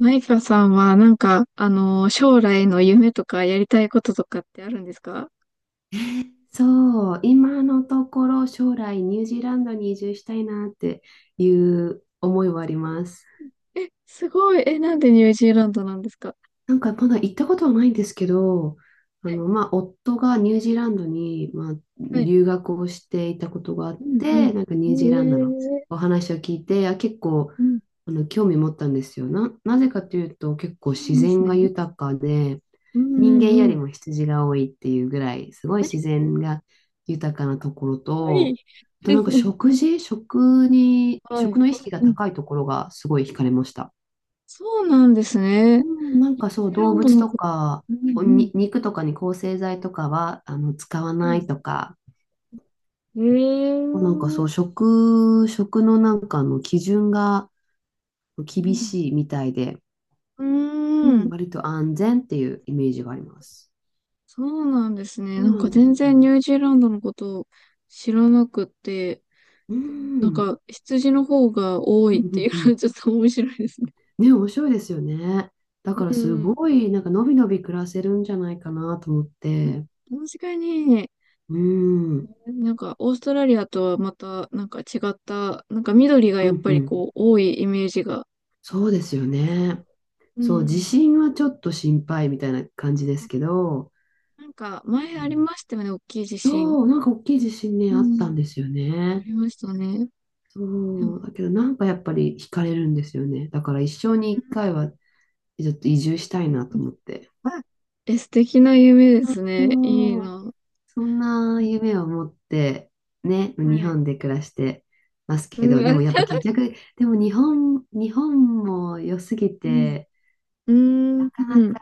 マイカさんは、なんか、将来の夢とかやりたいこととかってあるんですか？そう、今のところ将来ニュージーランドに移住したいなっていう思いはあります。え、すごい。え、なんでニュージーランドなんですか？なんかまだ行ったことはないんですけど、はい。まあ、夫がニュージーランドに、まあ、はい。留学をしていたことがあうっんて、うなんかん。えニュージーランドのおー、話を聞いて、あ、結構、うん。興味持ったんですよ。なぜかというと、結構そうな自んです然ね。が豊かで、うんう人間よんうりん。も羊が多いっていうぐらい、すごいあれ、自然が豊かなところはい。と、あとなんか 食事、食に、は食い。の意識がうん、高いところがすごい惹かれました。そうなんですね。ニュージなんかそう、ーラ動ンド物のとこと。か、うん肉とかに抗生剤とかは、使わうん。なはいい。とか、えなんかそえ、う、食のなんか基準がう厳ん。しいみたいで、うーうん、ん。割と安全っていうイメージがあります。そうなんですね。そなうんなかんで全すよ。然ニュージーランドのことを知らなくて。うでもん。うなんんか、羊の方が多ういっていんううのん。はちょっと面白いですね。ね、面白いですよね。だからうすん。ごい、なんかのびのび暮らせるんじゃないかなと思って。確かに、うん。なんか、オーストラリアとはまた、なんか違った、なんか緑がうやっんぱうりん。こう、多いイメージがあそうでりすよますけど。ね。うそう、地ん。震はちょっと心配みたいな感じですけど、なんか、う前ありん。ましたよね、大きい地震。そう、なんか大きい地震ね、うあったん。んですよあね。りましたね。でも、そう、だけどなんかやっぱり惹かれるんですよね。だから一生に一回うはちょっと移住したいなとん、思って。あ、え、素敵な夢ですうね。いいん。な。そんな夢を持って、ね、日はい。本で暮らしてますけど、うでん、あ、もやっぱ結局、でも日本も良すぎて、うなん、かなうん、か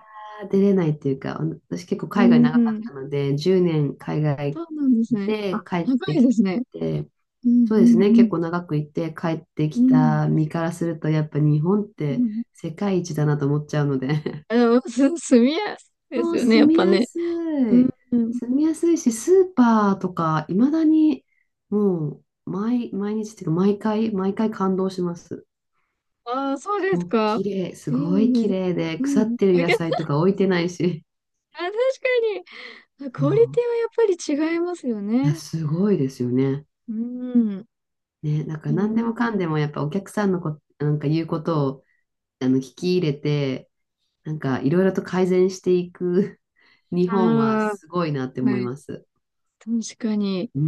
出れないっていうか、あの私結構う海外長かっん。たので、10年海外そうなんですね。あ、で帰っ高ていきですね。て、うんうそうですね、結ん構長くいて帰ってうきん。た身からすると、やっぱ日本っうんうてん。世界一だなと思っちゃうので、あ、でも、住みやす いでもすうよね、住やっみぱやね。すうんい。うん。住みやすいし、スーパーとか、いまだにもう毎日っていうか、毎回感動します。ああ、そうでもすうか。綺麗、すいいごい綺ね。麗で、う腐っん。てるあ、野けど、菜とか置いてないし。あ、確かに。あ、 そクオリテう。ィはやっぱり違いますよいや、ね。すごいですよね。うん。ね、なんえか何でー、もかんでもやっぱお客さんのなんか言うことを聞き入れて、なんかいろいろと改善していく 日本はあすごいなってあ、思はいい。ます。確かに。うー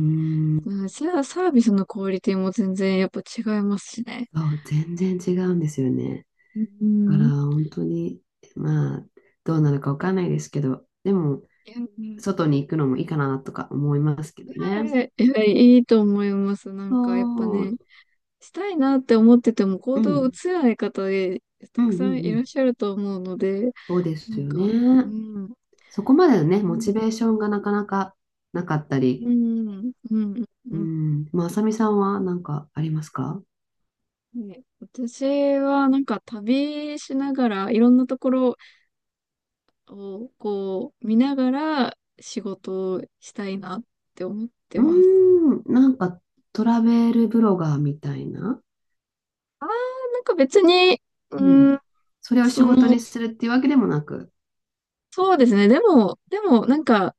ん。うん、サービスのクオリティも全然やっぱ違いますしね。そう、全然違うんですよね。うだからん。本当に、まあ、どうなるかわかんないですけど、でも、いや、うん、外に行くのもいいかなとか思いますけどね。ええ、いいと思います。なんか、やっぱそね、う、したいなって思ってても行う動を移ん、せない方で、うたん、うくさんいん、うらっん、しゃると思うので、そうでなすんよか、うね。ん、うそこまでのね、モチん、ベーションがなかなかなかったうり、ん、うん、ううん。ん、まあ、あさみさんは何かありますか？ね、私はなんか旅しながら、いろんなところをこう見ながら仕事をしたいなって思ってうます。ーん、なんかトラベルブロガーみたいな、あー、なんか別に、ううん、ん、それを仕そ事の、にするっていうわけでもなく、そうですね。でも、なんか、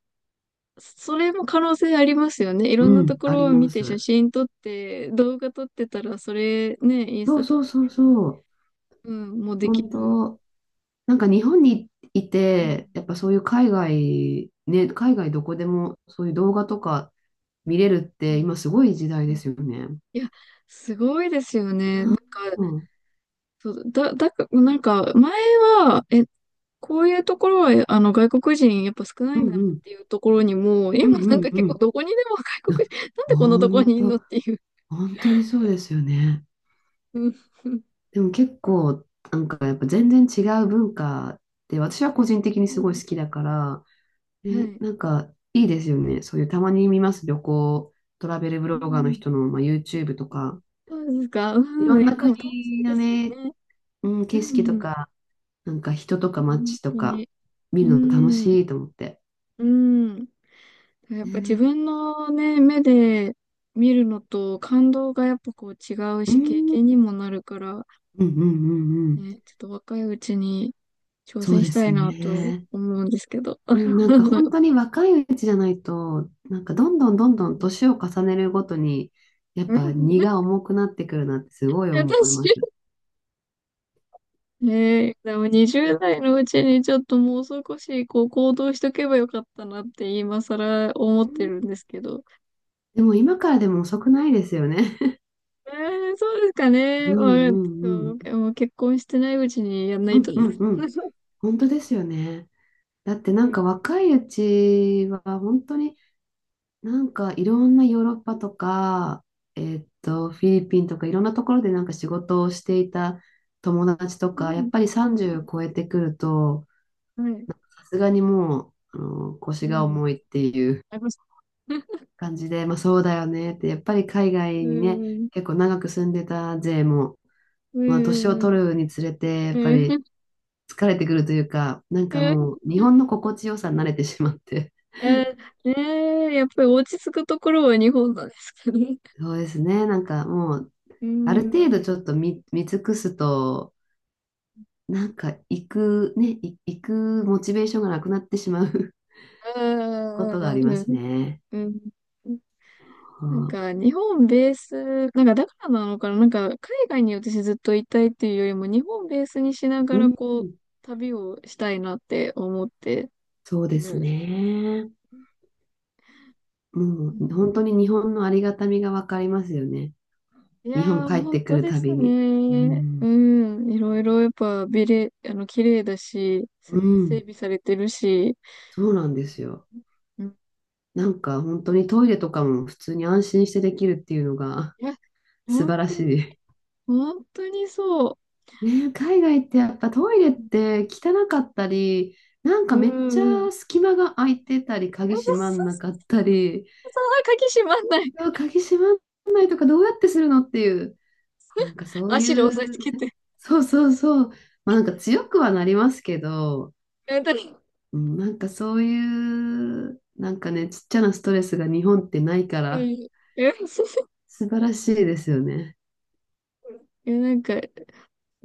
それも可能性ありますよね。いろんうなとん、こあろりをま見て写す。真撮って、動画撮ってたら、それね、インスそうタとそかうそうそう、に、うん、もうできる。本当、なんか日本にいうんて、やっぱそういう海外、ね、海外どこでもそういう動画とか見れるっうてん今すごい時代うでん、すよね。いや、すごいですよね。なんか、うん、うん、そう、だ、だか、なんか、前は、こういうところは、外国人やっぱ少ないうんだなっん、ていうところにも、う今なんん、か結う構ん、どこにでも外な国人、なんでこんなところ本にいんのっ当、ていう。本当にそうですよね。うんうん でも結構、なんかやっぱ全然違う文化で、私は個人的にすごい好きだ から、はえ、い。なんかいいですよね。そういうたまに見ます、旅行、トラベルブうロガーのん、人の、まあ、YouTube とか、そうですか。ういろん。いんや、でなも楽し国いでのすよね、ね。うん、う景色んとうん、か、なんか人とか本街と当かに。見うるの楽ん、しいと思って。うん。やっぱ自ね。分のね、目で見るのと感動がやっぱこう違ううし、経ん、うん験にもなるから、うんうんうん。ね、ちょっと若いうちに挑そう戦しでたすいなとね。思うんですけど。うん、なんか本 当に若いうちじゃないと、なんかどんどんどんどん年を重ねるごとに、やっぱ荷が重くなってくるなってすごい思い私、ます。ねえ、でもう20代のうちにちょっともう少しこう行動しとけばよかったなって今更思ってん。るんですけど。でも今からでも遅くないですよね。そうですかうね。まんあ、うそんう、うん。もう結婚してないうちにやんなういとんうね。んうん。本当ですよね。だってなうんかん。若いうちは本当になんかいろんなヨーロッパとか、フィリピンとかいろんなところでなんか仕事をしていた友達とうか、やん。っぱり30超えてくると、はい。さすがにもう、腰うがん。重いっていうありました。うん。感じで、まあそうだよねって、やっぱり海外うにね、ん。結構長く住んでた勢も、うまあ年をん。取るにつれて、やうっぱりん。疲れてくるというか、なんかえ、もう日本の心地よさに慣れてしまって、えねえ、やっぱり落ち着くところは日本なんですかね。そうですね、なんかもう、うあるん。う程ん。度ちょっと見尽くすと、なんかね、行くモチベーションがなくなってしまう ことがありうますん。ね。うん。はなんあ。か、日本ベース、なんか、だからなのかな、なんか、海外に私ずっといたいっていうよりも、日本ベースにしなうがら、ん、こう、旅をしたいなって思ってそうでする。ね。もううん、本当に日本のありがたみがわかりますよね。い日本やー、帰っ本てく当るでたすびに。うね。ん、うん、いろいろやっぱ、綺麗だし、う整ん、備されてるし、そうなんですよ。うん、なんか本当にトイレとかも普通に安心してできるっていうのが いや、素本晴ら当に、し本当にそう。い。ねえ、海外ってやっぱトイレっうん、て汚かったり、なんうかめっちん。うん、ゃ隙間が空いてたり、あ、鍵そうそ閉まんうなかっそたり、うそう、あ、鍵閉まんない。うわ鍵閉まんないとかどうやってするのっていう、なんかそうい足で押さえつう、けて。そうそうそう、まあなんか強くはなりますけど、うんうん、なんかそういう、なんかね、ちっちゃなストレスが日本ってないかうら、ん。え 素晴らしいですよね。いやなんか、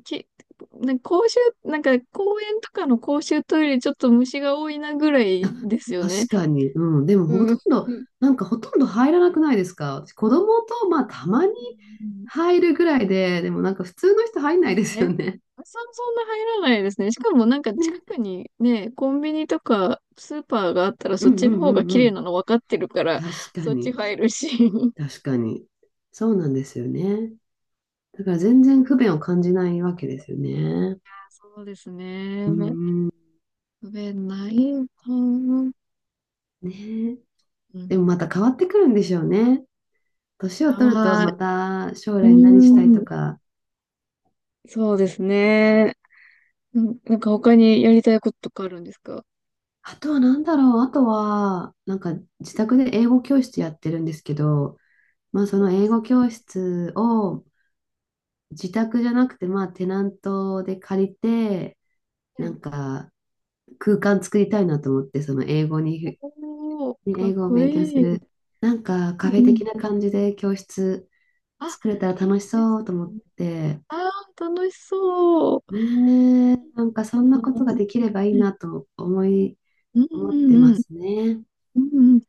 き、なんか公衆、なんか公園とかの公衆トイレちょっと虫が多いなぐらあ、いですよ確ね。かに。うん、でもほうとん。んうど、ん。なんかほとんど入らなくないですか？私子供と、まあたまに入るぐらいで、でもなんか普通の人入んそうなでいですすよね。ね。そ、そんな入らないですね。しかもなんか近ね。くにね、コンビニとかスーパーがあったらうそっんうちのん方うがん綺う麗ん。なの分かってるから、確かそっちに。入るし。確かに。そうなんですよね。だから全然不便を感じないわけですよね。そうですうね。ーん。不便ないかな。ねえ。うでん。もまた変わってくるんでしょうね。年を取るとあまた将ー、う来何したいーとん。か、そうですね。うん、なんか他にやりたいこととかあるんですか？あとは何だろう、あとは、なんか自宅で英語教室やってるんですけど、まあそえのー、英す語教室を自宅じゃなくて、まあテナントで借りて、ごない。んか空間作りたいなと思って、おー、か英っ語をこ勉強すいい。る、なんかカフうェん。的な感じで教室あ、作れたらい楽しいでそすうと思っね。て、あー、楽しそう。ねえねえ、なんかそんうなこんとができればいいうんなとうん思ってまうん。すね。うんうん。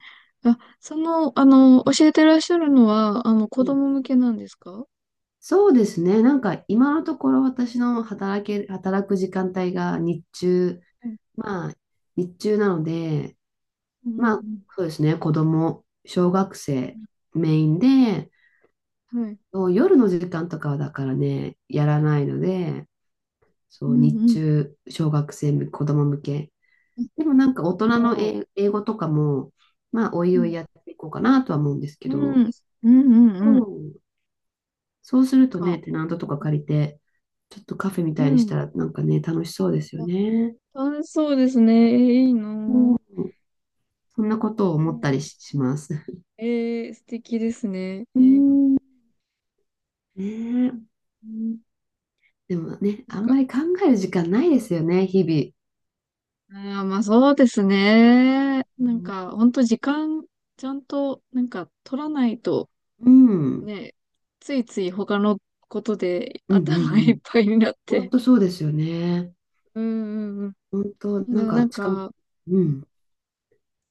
あ、その、教えてらっしゃるのは、子うん、供向けなんですか？そうですね。なんか今のところ私の働け、働く時間帯が日中、うんまあ日中なので、うまあんそうですね、子供、小学生メインで、うん。はい。そう夜の時間とかはだからね、やらないので、うそうん日うん。中、小学生向け、子供向け。でもなんか大人あのー、英語とかも、まあおいうおいん。やっていこうかなとは思うんですけうん。ど、うんうんうそん。なんうんそうするとか、ね、テナントとか借りて、ちょっとカフェみたういにしん。たらなんかね、楽しそうですよあ、ね。楽しそうですね。えー、いいなうぁ。ん、そんなことをう思ったりん、します。えー、素敵ですね。うえー、ん。ねえ、うん、でもね、なんあんまか、り考える時間ないですよね、日あー、まあそうですね。なん々。か、ほんと時間、ちゃんと、なんか、取らないと、うん、うん、ね、ついつい他のことでうん、頭ういっん。ぱいになっ本て。当そうですよね。うんうん本当、うん。でなんもなか、んしかも、か、ううん、ん、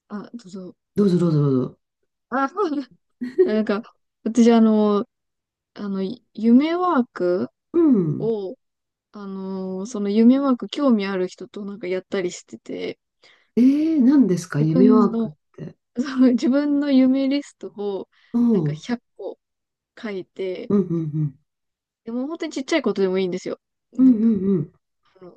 あ、どうぞ。どうぞどうぞどうぞ。あ、なんか、私、あの、夢ワークうん。を、その夢ワーク興味ある人となんかやったりしてて、えー、何ですか、自夢分ワークっの て。その自分の夢リストをお。なんうかん、100個書いて、うん、うん、うん。でも本当にちっちゃいことでもいいんですよ。うなん、うんか、ん、うん。あの、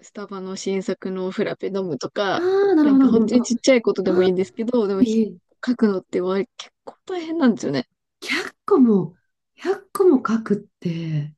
スタバの新作のフラペ飲むとあか、あ、なるなほんかど、本本当に当。ちっちゃいことでもいいんですけど、でも、ええ。書くのって結構大変なんですよね。100個も、100個も書くって、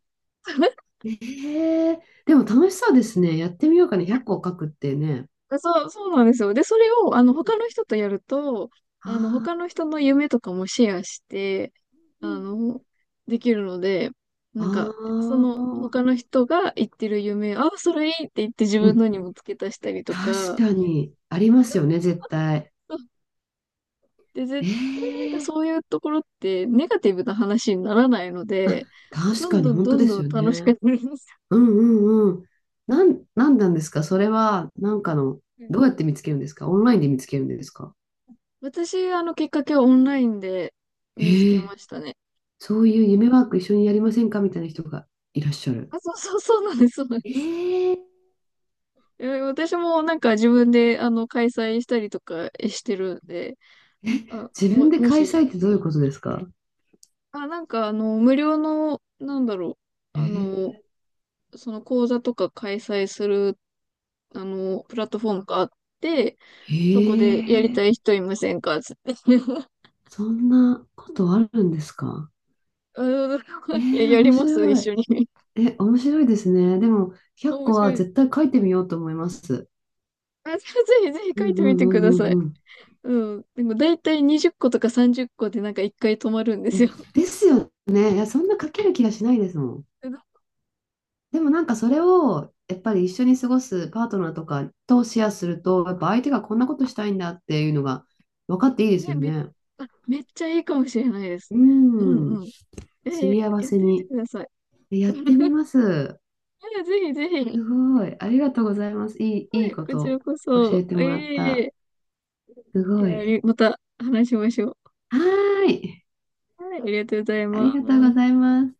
ええでも楽しそうですね。やってみようかね。100個書くってね。そう、そうなんですよ。で、それを、他の人とやると、あ他のあ人の夢とかもシェアして、うあんの、できるので、なあんか、その、あ、他の人が言ってる夢、あ、それいいって言って自う分ん、のにも付け足したりと確か、かにありますよね、絶対。あ、で、絶対なんかええ。そういうところってネガティブな話にならないのあ、で、確どんかにどん本ど当んでどすんよ楽しね。くなります。うんうんうん。なんなんですかそれは、なんかの、うん どうやって見つけるんですか？オンラインで見つけるんですか？ 私、きっかけはオンラインで見つけええ。ましたね。そういう夢ワーク一緒にやりませんかみたいな人がいらっしゃる。あ、そうそう、そうなんです、そうなんです。ええ。え、私もなんか自分で開催したりとかしてるんで、あ、自分でも開し、催ってどういうことですか？あ、なんか無料の、なんだろう、えあー、の、その講座とか開催する、プラットフォームがあって、そこえでやりたいー。人いませんかつって。そんなことあるんですか？あの、え いや、ー、やり面ます白一緒い。に。え、面白いですね。でも、100面個白はいです。絶対書いてみようと思います。あ、ぜひぜひう書いんてうみんうてくだんさうい。んうん。うん。でも大体20個とか30個でなんか1回止まるんでいや、すよ。ですよね。いや、そんな書ける気がしないですもん。でもなんかそれを、やっぱり一緒に過ごすパートナーとかとシェアすると、やっぱ相手がこんなことしたいんだっていうのが分かっていいですね、よね。あ、めっちゃいいかもしれないです。ううんん。うん。すり合わやっせてみてに。ください。え、やってみ ます。いやぜひぜひ。すごい。ありがとうございます。いはいい、ここちらとこ教そ。えてもらっえた。え、すいごや、い。また話しましょう。はーい。はい、ありがとうございありまがとうごす。ざいます。